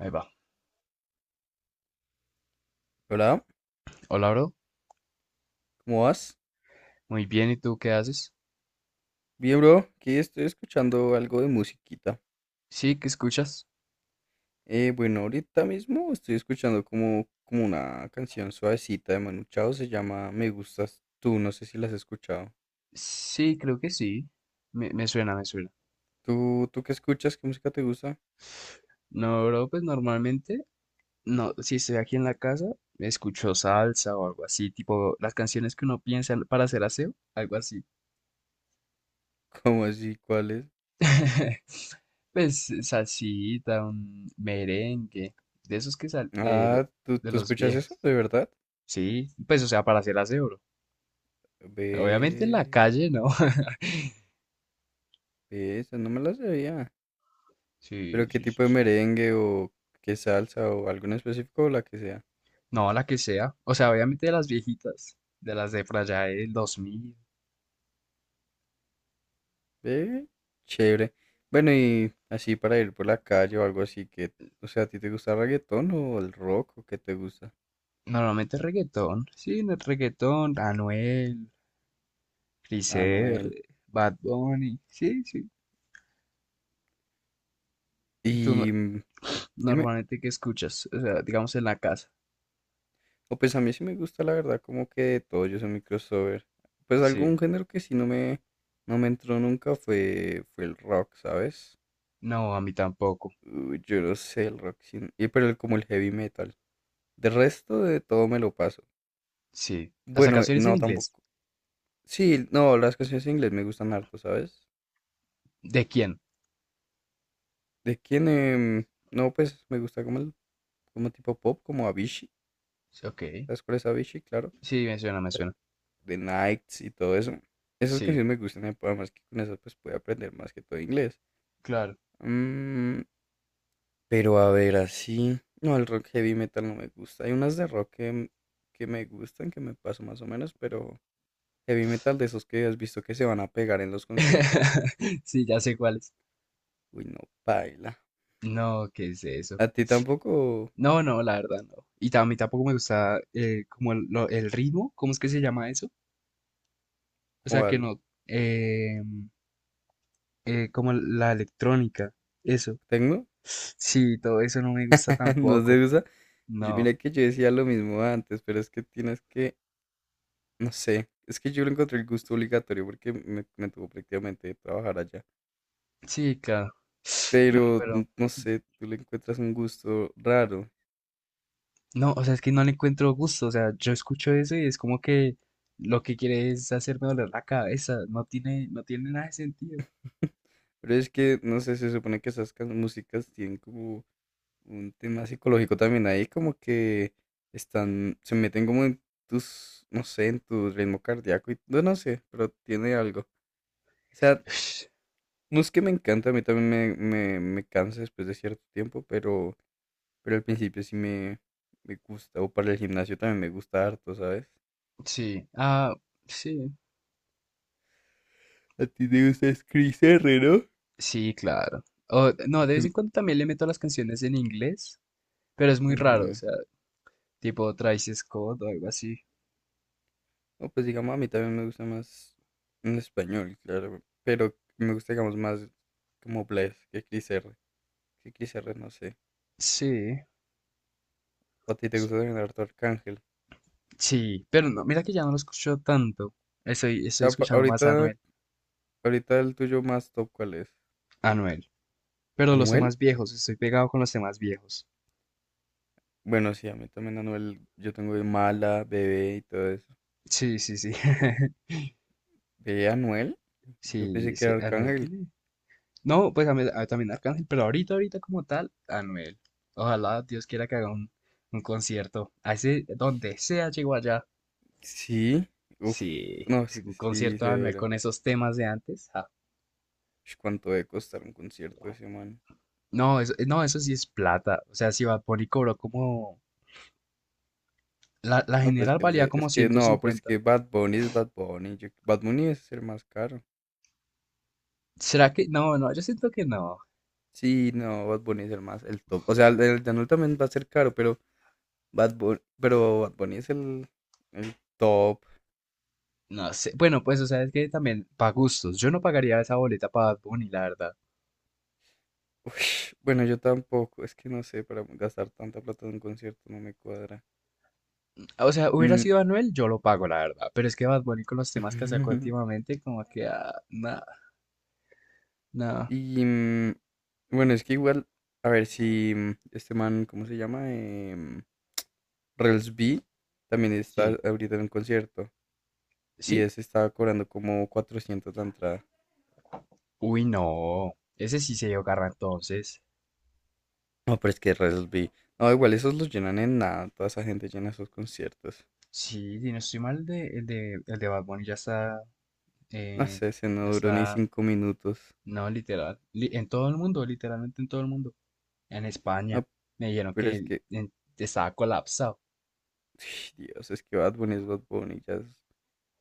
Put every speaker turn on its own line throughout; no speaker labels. Ahí va.
Hola,
Hola, bro.
¿cómo vas?
Muy bien, ¿y tú qué haces?
Bien, bro, aquí estoy escuchando algo de musiquita.
Sí, ¿qué escuchas?
Bueno, ahorita mismo estoy escuchando como una canción suavecita de Manu Chao, se llama Me gustas tú, no sé si la has escuchado.
Sí, creo que sí. Me suena, me suena.
¿Tú qué escuchas? ¿Qué música te gusta?
No, bro, pues normalmente, no, si estoy aquí en la casa, escucho salsa o algo así, tipo las canciones que uno piensa para hacer aseo, algo así.
¿Cómo así? ¿Cuál es?
Pues salsita, un merengue, de esos que
Ah, ¿tú,
de
tú
los
escuchas eso?
viejos.
¿De verdad?
Sí, pues o sea, para hacer aseo, bro.
Ve,
Obviamente en la calle, ¿no?
ve, esa no me la sabía.
Sí,
¿Pero qué
sí,
tipo
sí,
de
sí.
merengue o qué salsa o algo en específico o la que sea?
No, la que sea. O sea, obviamente de las viejitas, de las de por allá del 2000.
Ve, chévere. Bueno, y así para ir por la calle o algo así que, o sea, ¿a ti te gusta el reggaetón o el rock o qué te gusta?
Normalmente reggaetón. Sí, Reggaetón, Anuel, Cris
Anuel.
Bad Bunny. Sí, sí. ¿Y tú no-
Y dime,
normalmente ¿qué escuchas? O sea, digamos en la casa.
o pues a mí sí me gusta la verdad, como que de todo, yo soy mi crossover. Pues
Sí.
algún género que sí no me entró nunca fue el rock, ¿sabes?
No, a mí tampoco.
Uy, yo no sé el rock, sí, y pero como el heavy metal. De resto de todo me lo paso.
Sí. ¿Hasta
Bueno,
canciones en
no
inglés?
tampoco. Sí, no, las canciones en inglés me gustan harto, ¿sabes?
¿De quién?
¿De quién? No, pues me gusta como tipo pop, como Avicii.
Sí, ok.
¿Sabes cuál es Avicii? Claro.
Sí, me suena, me suena.
The Nights y todo eso. Esas
Sí,
canciones me gustan, además que con esas pues puedo aprender más que todo inglés.
claro.
Mm, pero a ver, así. No, el rock heavy metal no me gusta. Hay unas de rock que que me gustan, que me paso más o menos, pero heavy metal de esos que has visto que se van a pegar en los conciertos.
Sí, ya sé cuáles.
Uy, no, baila.
No, ¿qué es eso?
¿A ti tampoco?
No, no, la verdad no. A mí tampoco me gusta como el ritmo, ¿cómo es que se llama eso? O sea, que
¿Cuál?
no, eh, como la electrónica, eso.
¿Tecno?
Sí, todo eso no me gusta
No se
tampoco.
usa.
No,
Mira que yo decía lo mismo antes, pero es que tienes que, no sé, es que yo le encontré el gusto obligatorio porque me tuvo prácticamente trabajar allá.
sí, claro. No,
Pero,
pero,
no sé, tú le encuentras un gusto raro.
no, o sea, es que no le encuentro gusto. O sea, yo escucho eso y es como que lo que quiere es hacerme doler la cabeza. No tiene, no tiene nada de sentido.
Pero es que, no sé, se supone que esas músicas tienen como un tema psicológico también ahí, como que están, se meten como en tus, no sé, en tu ritmo cardíaco y, no, no sé, pero tiene algo. O sea, no es que me encanta, a mí también me cansa después de cierto tiempo, pero al principio sí me gusta. O para el gimnasio también me gusta harto, ¿sabes?
Sí, ah, sí.
A ti te gusta es Chris R, ¿no?
Sí, claro. O, no, de vez en cuando también le meto las canciones en inglés, pero es muy raro, o
Ujú.
sea, tipo Travis Scott o algo así.
No, pues digamos, a mí también me gusta más en español, claro. Pero me gusta, digamos, más como Blaze que Chris R. Que Chris R, no sé.
Sí,
¿O a ti te
s-
gusta también harto Arcángel?
sí, pero no, mira que ya no lo escucho tanto. Estoy,
O
estoy
sea,
escuchando más a
ahorita,
Anuel,
ahorita el tuyo más top, ¿cuál es?
Anuel, pero los
¿Anuel?
temas viejos, estoy pegado con los temas viejos.
Bueno, sí, a mí también Anuel, yo tengo de Mala, Bebé y todo eso.
Sí, sí, sí.
¿De Anuel? Yo pensé
Sí,
que
sí,
era
Anuel
Arcángel.
tiene. No, pues a mí- a- También Arcángel, pero ahorita, ahorita como tal, Anuel. Ojalá Dios quiera que haga un concierto. A ese, donde sea, llegó allá.
Sí, uff,
Sí,
no, es
sí,
que
un
sí,
concierto de Anuel
severo.
con esos temas de antes, ja.
Ush, ¿cuánto debe costar un concierto de ese man?
No, eso, no, eso sí es plata. O sea, si Bad Bunny cobró como... la
No, pero es
general
que el
valía
de,
como
es que
ciento
no, pero es
cincuenta.
que Bad Bunny es Bad Bunny. Bad Bunny es el más caro.
¿Será que...? No, no, yo siento que no.
Sí, no, Bad Bunny es el más, el top. O sea, el de Anuel también va a ser caro, pero Bad Bunny es el top.
No sé. Bueno, pues, o sea, es que también para gustos. Yo no pagaría esa boleta para Bad Bunny, la verdad.
Ush, bueno, yo tampoco, es que no sé, para gastar tanta plata en un concierto no me cuadra.
O sea, hubiera
Mm,
sido Anuel, yo lo pago, la verdad. Pero es que Bad Bunny con los temas que sacó últimamente, como que... ah, nada, nah.
y, bueno, es que igual, a ver si este man, ¿cómo se llama? Rels B también está
Sí.
ahorita en un concierto y
¿Sí?
ese estaba cobrando como 400 la entrada.
Uy, no. Ese sí se dio garra entonces.
No, pero es que Rels B. No, igual esos los llenan en nada. Toda esa gente llena esos conciertos.
Sí, si no estoy mal, el de Bad Bunny
No
eh,
sé, se
ya
no duró ni
está,
5 minutos.
no, literal, li- en todo el mundo, literalmente en todo el mundo. En
No,
España, me dijeron
pero es
que
que,
estaba colapsado.
Dios, es que Bad Bunny es Bad Bunny, ya es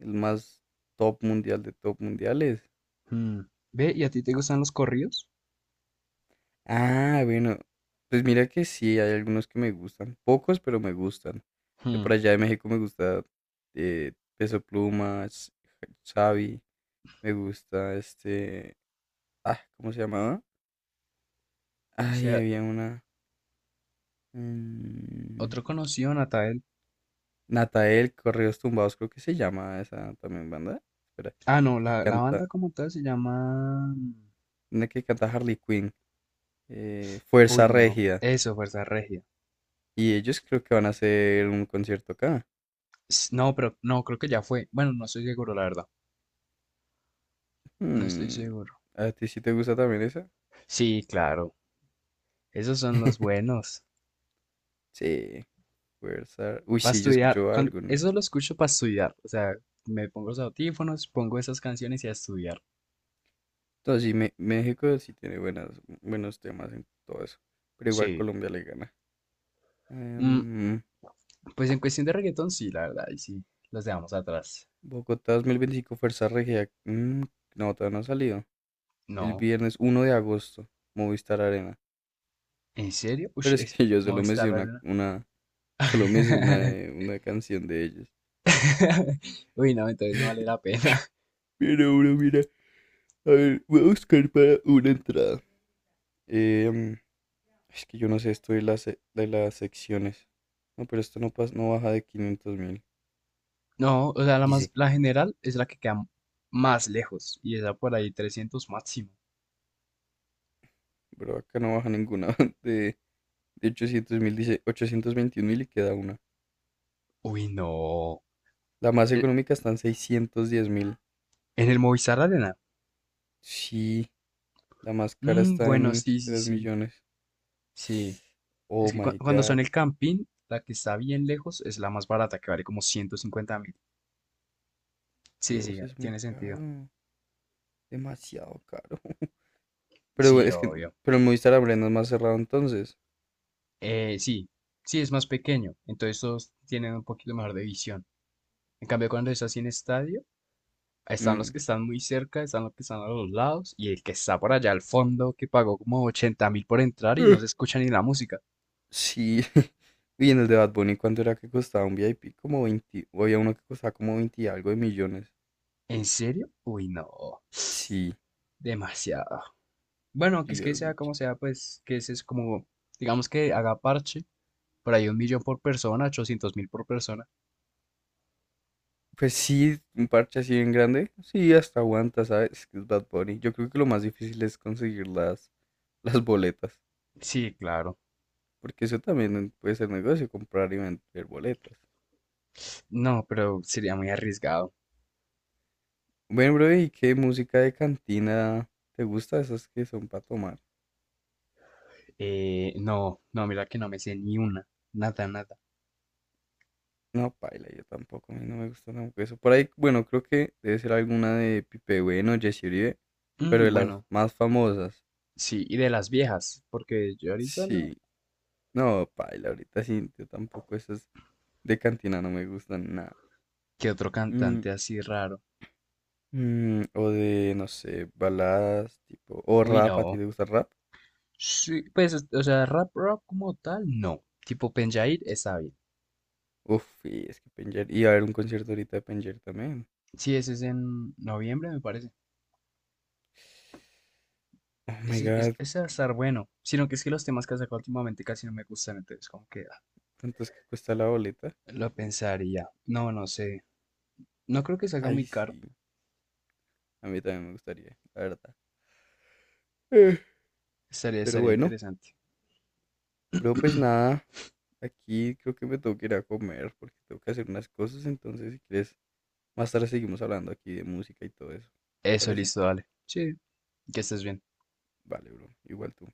el más top mundial de top mundiales.
Hmm. Ve, ¿y a ti te gustan los corridos?
Ah, bueno, pues mira que sí, hay algunos que me gustan, pocos, pero me gustan. De
Hmm.
por allá de México me gusta Peso Pluma, Xavi, me gusta este, ah, ¿cómo se llamaba?
O
Ay,
sea,
había una, mm,
otro conocido, Natael.
Natael, Correos Tumbados, creo que se llama esa también banda, espera,
Ah, no,
que
la banda
canta,
como tal se llama...
una que canta Harley Quinn,
Uy,
Fuerza
no,
Régida,
eso, Fuerza Regia.
y ellos creo que van a hacer un concierto acá.
S- no, pero no, creo que ya fue. Bueno, no estoy seguro, la verdad. No estoy
Hmm,
seguro.
¿a ti sí te gusta también esa?
Sí, claro, esos son los buenos.
Sí, fuerza. Uy,
Para
sí, yo
estudiar,
escucho
cuan-
algunas.
eso lo escucho para estudiar. O sea, me pongo los audífonos, pongo esas canciones y a estudiar.
Entonces, sí, México sí tiene buenas, buenos temas en todo eso. Pero igual
Sí.
Colombia le gana.
Mm,
Em,
pues en cuestión de reggaetón, sí, la verdad, y sí, los dejamos atrás.
Bogotá 2025, Fuerza Regia. No, todavía no ha salido. El
No,
viernes 1 de agosto, Movistar Arena.
¿en serio? Ush,
Pero es
es
que yo solo me
Movistar
sé
Arena.
una canción de ellos.
Uy, no, entonces no vale la pena.
Pero bueno, mira, a ver, voy a buscar para una entrada. Em, Es que yo no sé esto de las secciones. No, pero esto no, pasa, no baja de 500.000.
No, o sea, la más,
Dice,
la general es la que queda más lejos y está por ahí 300 máximo.
pero acá no baja ninguna. De, de 800.000, dice 821 mil y queda una.
Uy, no.
La más
¿En
económica está en 610.000.
en el Movistar Arena?
Sí, la más cara
Mm,
está
bueno,
en
sí, sí,
tres
sí,
millones.
sí. Es
Oh
que
my
cuando
God.
son el camping la que está bien lejos es la más barata, que vale como 150.000. Sí, sí,
Dios,
ah,
es muy
tiene sentido.
caro. Demasiado caro. Pero
Sí,
es que,
obvio.
pero el Movistar Arena es más cerrado entonces.
Sí, sí, es más pequeño, entonces todos tienen un poquito mejor de visión. En cambio, cuando es así en estadio, están los
Mm.
que están muy cerca, están los que están a los lados, y el que está por allá al fondo, que pagó como 80.000 por entrar y no se escucha ni la música.
Sí. Y en el de Bad Bunny, ¿cuánto era que costaba un VIP? Como 20, o había uno que costaba como 20 y algo de millones.
¿En serio? Uy, no,
Sí,
demasiado. Bueno, que es que
Dios,
sea como
muchísimo.
sea, pues que ese es como, digamos que haga parche. Por ahí 1.000.000 por persona, 800.000 por persona.
Pues sí, un parche así bien grande. Sí, hasta aguanta, ¿sabes? Es que es Bad Bunny. Yo creo que lo más difícil es conseguir las boletas.
Sí, claro.
Porque eso también puede ser negocio, comprar y vender boletas.
No, pero sería muy arriesgado.
Bueno, bro, ¿y qué música de cantina te gusta? Esas que son para tomar.
No, no, mira que no me sé ni una. Nada, nada.
No, paila, yo tampoco, a mí no me gusta tampoco eso. Por ahí, bueno, creo que debe ser alguna de Pipe Bueno, Jesse Uribe, pero de
Mm,
las
bueno,
más famosas.
sí, y de las viejas, porque yo ahorita no.
Sí, no, paila, ahorita sí, yo tampoco esas de cantina no me gustan nada.
¿Qué otro
Mm,
cantante así raro?
o de, no sé, baladas, tipo, o
Uy,
rap, ¿a ti
no.
te gusta el rap?
Sí, pues, o sea, rap, rap como tal, no. Tipo Penjair está bien.
Uf, y es que Penger, y a ver un concierto ahorita de Penger también.
Sí, ese es en noviembre, me parece.
Oh my
Ese,
god,
ese va a estar bueno. Sino que es que los temas que ha sacado últimamente casi no me gustan, entonces como que ah,
¿cuánto es que cuesta la boleta?
lo pensaría. No, no sé. No creo que salga muy
Ay,
caro.
sí, a mí también me gustaría, la verdad. Eh,
Estaría,
Pero
estaría
bueno,
interesante.
pero pues nada, aquí creo que me tengo que ir a comer porque tengo que hacer unas cosas, entonces si quieres, más tarde seguimos hablando aquí de música y todo eso. ¿Te
Eso,
parece?
listo, dale. Sí, que estés bien.
Vale, bro, igual tú.